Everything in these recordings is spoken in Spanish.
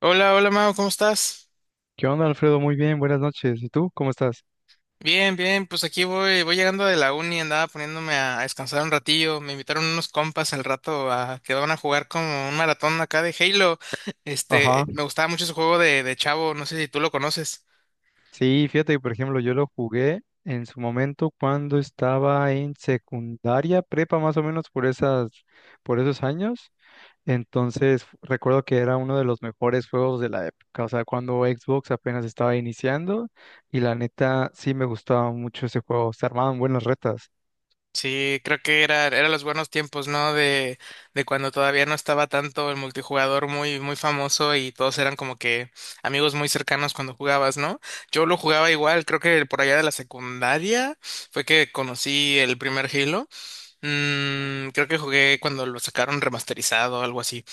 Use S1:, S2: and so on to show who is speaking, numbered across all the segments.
S1: Hola, hola Mau, ¿cómo estás?
S2: ¿Qué onda, Alfredo? Muy bien, buenas noches. ¿Y tú? ¿Cómo estás?
S1: Bien, bien, pues aquí voy, voy llegando de la uni, andaba poniéndome a descansar un ratillo, me invitaron unos compas al rato a que van a jugar como un maratón acá de Halo.
S2: Ajá.
S1: Este, me gustaba mucho ese juego de Chavo, no sé si tú lo conoces.
S2: Sí, fíjate que, por ejemplo, yo lo jugué en su momento cuando estaba en secundaria, prepa más o menos por esas, por esos años. Entonces, recuerdo que era uno de los mejores juegos de la época, o sea, cuando Xbox apenas estaba iniciando y la neta sí me gustaba mucho ese juego, se armaban buenas retas.
S1: Sí, creo que era, eran los buenos tiempos, ¿no? De cuando todavía no estaba tanto el multijugador muy, muy famoso y todos eran como que amigos muy cercanos cuando jugabas, ¿no? Yo lo jugaba igual, creo que por allá de la secundaria fue que conocí el primer Halo. Mm, creo que jugué cuando lo sacaron remasterizado o algo así.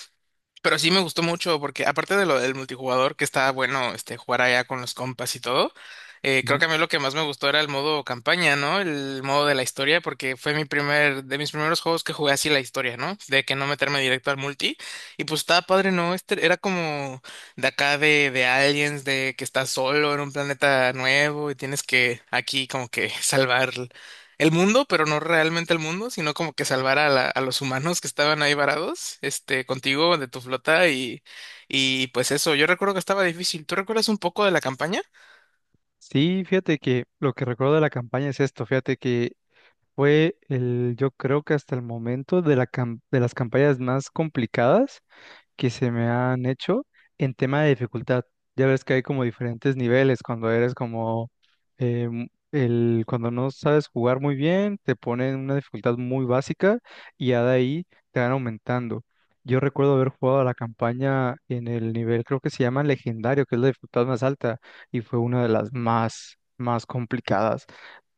S1: Pero sí me gustó mucho porque aparte de lo del multijugador, que está bueno este jugar allá con los compas y todo, creo
S2: Ujú.
S1: que a mí lo que más me gustó era el modo campaña, ¿no? El modo de la historia, porque fue mi primer, de mis primeros juegos que jugué así la historia, ¿no? De que no meterme directo al multi. Y pues estaba padre, ¿no? Este era como de acá de Aliens, de que estás solo en un planeta nuevo y tienes que aquí como que salvar el mundo, pero no realmente el mundo, sino como que salvar a, la- a los humanos que estaban ahí varados, este, contigo, de tu flota y pues eso, yo recuerdo que estaba difícil. ¿Tú recuerdas un poco de la campaña?
S2: Sí, fíjate que lo que recuerdo de la campaña es esto, fíjate que fue el, yo creo que hasta el momento de la de las campañas más complicadas que se me han hecho en tema de dificultad. Ya ves que hay como diferentes niveles cuando eres como mu- el cuando no sabes jugar muy bien, te ponen una dificultad muy básica y ya de ahí te van aumentando. Yo recuerdo haber jugado a la campaña en el nivel, creo que se llama legendario, que es la dificultad más alta y fue una de las más más complicadas.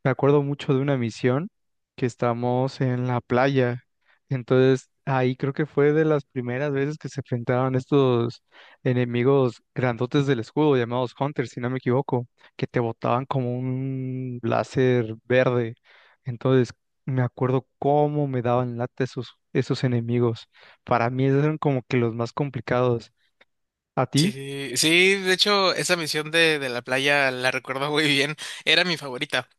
S2: Me acuerdo mucho de una misión que estamos en la playa, entonces, ahí creo que fue de las primeras veces que se enfrentaron estos enemigos grandotes del escudo, llamados Hunters, si no me equivoco, que te botaban como un láser verde. Entonces, me acuerdo cómo me daban lata esos, esos enemigos. Para mí, esos eran como que los más complicados. ¿A ti?
S1: Sí, sí, de hecho, esa misión de la playa la recuerdo muy bien, era mi favorita.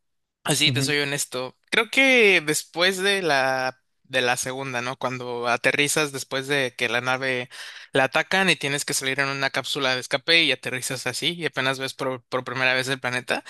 S1: Así te
S2: Ujú.
S1: soy honesto. Creo que después de la de la segunda, ¿no? Cuando aterrizas después de que la nave la atacan y tienes que salir en una cápsula de escape y aterrizas así y apenas ves por primera vez el planeta.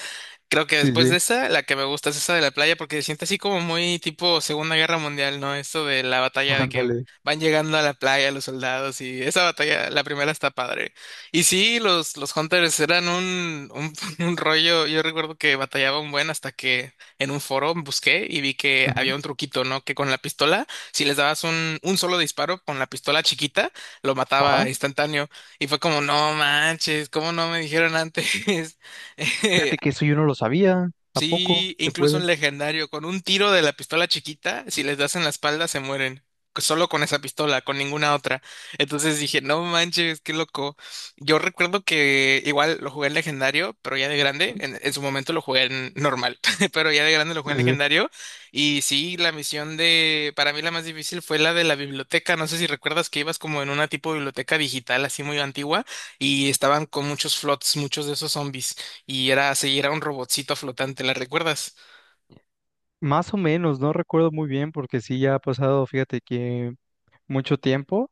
S1: Creo que
S2: Sí,
S1: después de
S2: sí.
S1: esa, la que me gusta es esa de la playa porque se siente así como muy tipo Segunda Guerra Mundial, ¿no? Esto de la batalla de que
S2: Ándale.
S1: van llegando a la playa los soldados y esa batalla, la primera está padre. Y sí, los Hunters eran un, un rollo, yo recuerdo que batallaba un buen hasta que en un foro busqué y vi que había
S2: Ujú.
S1: un truquito, ¿no? Que con la pistola, si les dabas un solo disparo con la pistola chiquita, lo
S2: Ajá.
S1: mataba instantáneo. Y fue como, no manches, ¿cómo no me dijeron antes?
S2: Fíjate que eso yo no lo sabía. ¿A poco?
S1: Sí,
S2: Se
S1: incluso en
S2: puede.
S1: legendario, con un tiro de la pistola chiquita, si les das en la espalda se mueren. Solo con esa pistola, con ninguna otra. Entonces dije, no manches, qué loco. Yo recuerdo que igual lo jugué en legendario, pero ya de grande.
S2: ¿Mm?
S1: En su momento lo jugué en normal, pero ya de grande lo jugué
S2: Sí,
S1: en
S2: sí.
S1: legendario. Y sí, la misión de, para mí la más difícil fue la de la biblioteca. No sé si recuerdas que ibas como en una tipo de biblioteca digital así muy antigua y estaban con muchos flots, muchos de esos zombies y era así, era un robotcito flotante, ¿la recuerdas?
S2: Más o menos, no recuerdo muy bien porque sí ya ha pasado, fíjate que, mucho tiempo,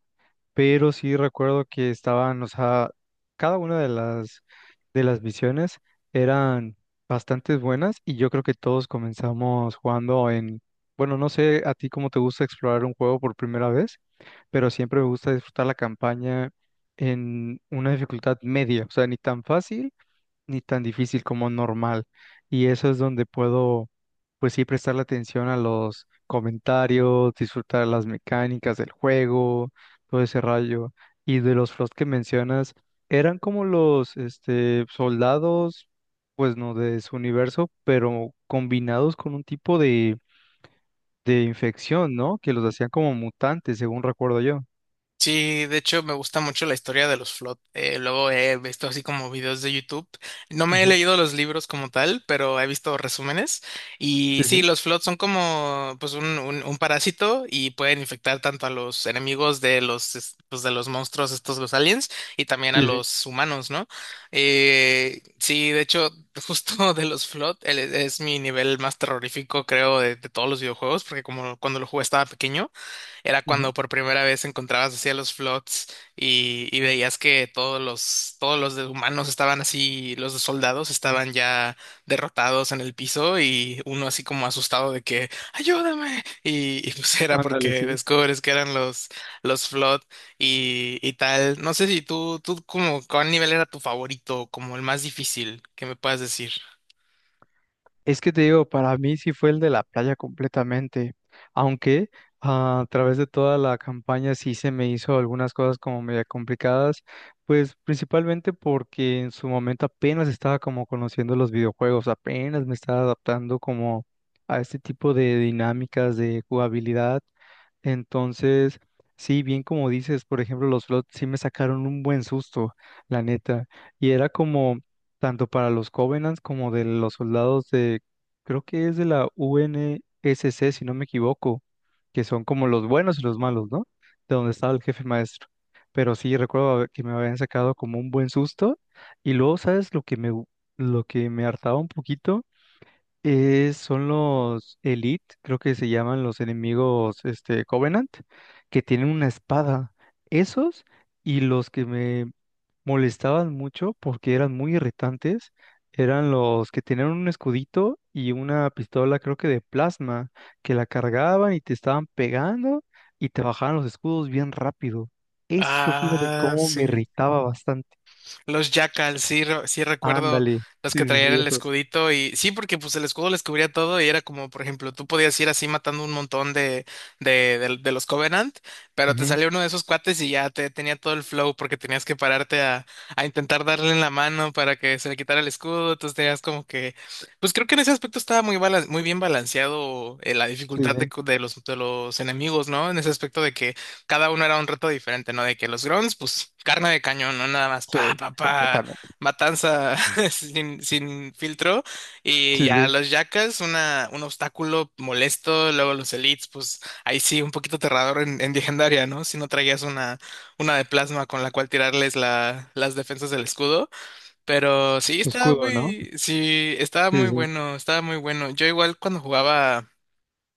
S2: pero sí recuerdo que estaban, o sea, cada una de las misiones eran bastante buenas y yo creo que todos comenzamos jugando en, bueno, no sé a ti cómo te gusta explorar un juego por primera vez, pero siempre me gusta disfrutar la campaña en una dificultad media, o sea, ni tan fácil ni tan difícil como normal. Y eso es donde puedo, pues sí, prestarle atención a los comentarios, disfrutar las mecánicas del juego, todo ese rayo. Y de los flots que mencionas, eran como los este, soldados, pues no, de su universo, pero combinados con un tipo de infección, ¿no? Que los hacían como mutantes, según recuerdo yo.
S1: Sí, de hecho me gusta mucho la historia de los Flood. Luego he visto así como videos de YouTube. No me he
S2: Ujú.
S1: leído los libros como tal, pero he visto resúmenes. Y
S2: Sí,
S1: sí,
S2: sí,
S1: los Flood son como pues un parásito y pueden infectar tanto a los enemigos de los es- pues, de los monstruos estos, los aliens, y también a
S2: sí, sí.
S1: los humanos, ¿no? Sí, de hecho, justo de los Flood el- es mi nivel más terrorífico, creo, de todos los videojuegos, porque como cuando lo jugué estaba pequeño. Era cuando
S2: Ujú.
S1: por primera vez encontrabas así a los flots y veías que todos los de humanos estaban así, los de soldados estaban ya derrotados en el piso y uno así como asustado de que ¡ayúdame! Y pues era
S2: Ándale,
S1: porque
S2: sí.
S1: descubres que eran los flot y tal. No sé si tú, tú como, ¿cuál nivel era tu favorito? ¿Como el más difícil, que me puedas decir?
S2: Es que te digo, para mí sí fue el de la playa completamente, aunque a través de toda la campaña sí se me hizo algunas cosas como media complicadas, pues principalmente porque en su momento apenas estaba como conociendo los videojuegos, apenas me estaba adaptando como a este tipo de dinámicas de jugabilidad. Entonces, sí, bien como dices, por ejemplo, los flots sí me sacaron un buen susto, la neta. Y era como, tanto para los Covenants como de los soldados de, creo que es de la UNSC, si no me equivoco, que son como los buenos y los malos, ¿no? De donde estaba el jefe maestro. Pero sí, que me habían sacado como un buen susto. Y luego, ¿sabes? Lo que me hartaba un poquito es, son los Elite, creo que se llaman los enemigos este, Covenant, que tienen una espada. Esos y los que me molestaban mucho porque eran muy irritantes. Eran los que tenían un escudito y una pistola, creo que de plasma, que la cargaban y te estaban pegando y te bajaban los escudos bien rápido. Eso, fíjate
S1: Ah,
S2: cómo me
S1: sí.
S2: irritaba bastante.
S1: Los Jackal, sí, re- sí recuerdo
S2: Ándale.
S1: los
S2: Sí,
S1: que
S2: sí,
S1: traían
S2: sí,
S1: el
S2: esos.
S1: escudito y sí, porque pues el escudo les cubría todo y era como, por ejemplo, tú podías ir así matando un montón de los Covenant, pero te
S2: Ujú.
S1: salía uno de esos cuates y ya te tenía todo el flow porque tenías que pararte a intentar darle en la mano para que se le quitara el escudo, entonces tenías como que, pues creo que en ese aspecto estaba muy, bala- muy bien balanceado la
S2: Sí,
S1: dificultad
S2: sí.
S1: de, cu- de los enemigos, ¿no? En ese aspecto de que cada uno era un reto diferente, ¿no? De que los grunts, pues carne de cañón, ¿no? Nada más,
S2: Sí,
S1: pa, pa, pa,
S2: completamente.
S1: matanza sin, sin filtro. Y
S2: Sí,
S1: ya
S2: sí.
S1: los yacas, una, un obstáculo molesto. Luego los elites, pues ahí sí, un poquito aterrador en legendaria, ¿no? Si no traías una de plasma con la cual tirarles la, las defensas del escudo. Pero
S2: Su escudo, ¿no?
S1: sí, estaba
S2: Sí,
S1: muy
S2: sí.
S1: bueno, estaba muy bueno. Yo igual cuando jugaba.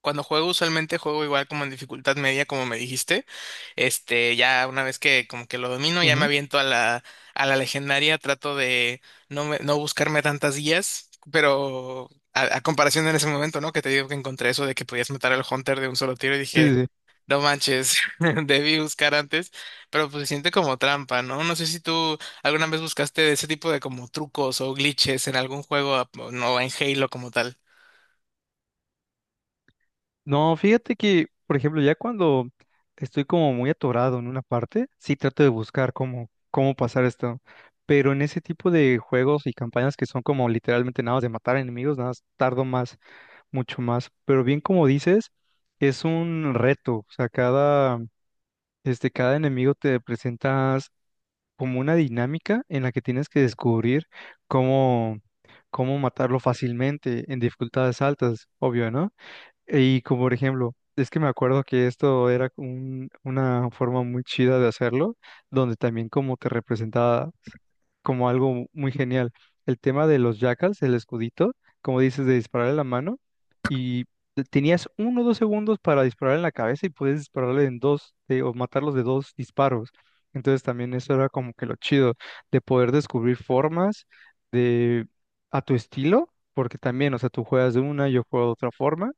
S1: Cuando juego, usualmente juego igual como en dificultad media, como me dijiste. Este, ya una vez que como que lo domino, ya me
S2: Ujú.
S1: aviento a la legendaria, trato de no, me- no buscarme tantas guías, pero a comparación en ese momento, ¿no? Que te digo que encontré eso de que podías matar al Hunter de un solo tiro y
S2: Sí,
S1: dije,
S2: sí. Sí.
S1: no manches, debí buscar antes, pero pues se siente como trampa, ¿no? No sé si tú alguna vez buscaste ese tipo de como trucos o glitches en algún juego, no en Halo como tal.
S2: No, fíjate que, por ejemplo, ya cuando estoy como muy atorado en una parte, sí trato de buscar cómo, cómo pasar esto. Pero en ese tipo de juegos y campañas que son como literalmente nada más de matar enemigos, nada más tardo más, mucho más. Pero bien como dices, es un reto. O sea, cada, este, cada enemigo te presentas como una dinámica en la que tienes que descubrir cómo, cómo matarlo fácilmente en dificultades altas, obvio, ¿no? Y como por ejemplo, es que me acuerdo que una forma muy chida de hacerlo, donde también como que representaba como algo muy genial. El tema de los jackals, el escudito, como dices, de dispararle la mano, y tenías uno o dos segundos para dispararle en la cabeza y puedes dispararle en dos, o matarlos de dos disparos. Entonces también eso era como que lo chido, de poder descubrir formas de a tu estilo, porque también, o sea, tú juegas de una, yo juego de otra forma,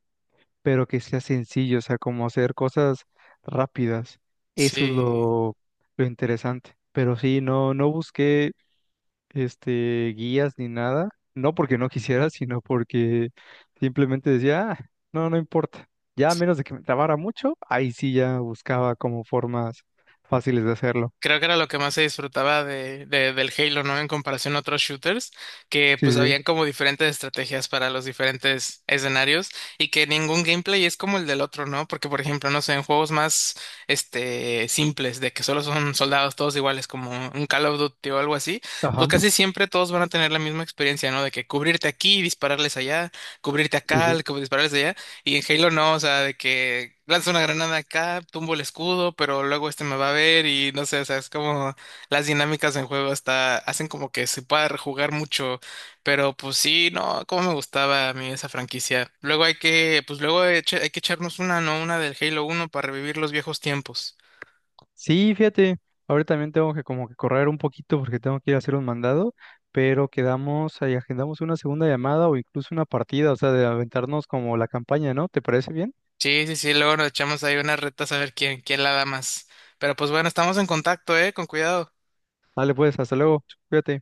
S2: pero que sea sencillo, o sea, como hacer cosas rápidas. Eso es
S1: Sí.
S2: lo interesante. Pero sí, no, no busqué este guías ni nada, no porque no quisiera, sino porque simplemente decía, "Ah, no, no importa". Ya a menos de que me trabara mucho, ahí sí ya buscaba como formas fáciles de hacerlo.
S1: Creo que era lo que más se disfrutaba de- del Halo, ¿no? En comparación a otros shooters, que
S2: Sí,
S1: pues
S2: sí.
S1: habían como diferentes estrategias para los diferentes escenarios y que ningún gameplay es como el del otro, ¿no? Porque, por ejemplo, no sé, en juegos más, este, simples, de que solo son soldados todos iguales, como un Call of Duty o algo así, pues
S2: Ajá.
S1: casi siempre todos van a tener la misma experiencia, ¿no? De que cubrirte aquí, dispararles allá, cubrirte
S2: Sí,
S1: acá,
S2: sí.
S1: dispararles allá. Y en Halo no, o sea, de que lanzo una granada acá, tumbo el escudo, pero luego este me va a ver y no sé, o sea, es como las dinámicas en juego hasta hacen como que se pueda rejugar mucho, pero pues sí, no, cómo me gustaba a mí esa franquicia. Luego hay que, pues luego eche- hay que echarnos una, ¿no? Una del Halo 1 para revivir los viejos tiempos.
S2: Sí, fíjate, ahora también tengo que como que correr un poquito porque tengo que ir a hacer un mandado, pero quedamos ahí, agendamos una segunda llamada o incluso una partida, o sea, de aventarnos como la campaña, ¿no? ¿Te parece bien?
S1: Sí, sí, sí, luego nos echamos ahí unas retas a ver quién, quién la da más. Pero pues bueno, estamos en contacto, ¿eh? Con cuidado.
S2: Dale pues, hasta luego, cuídate.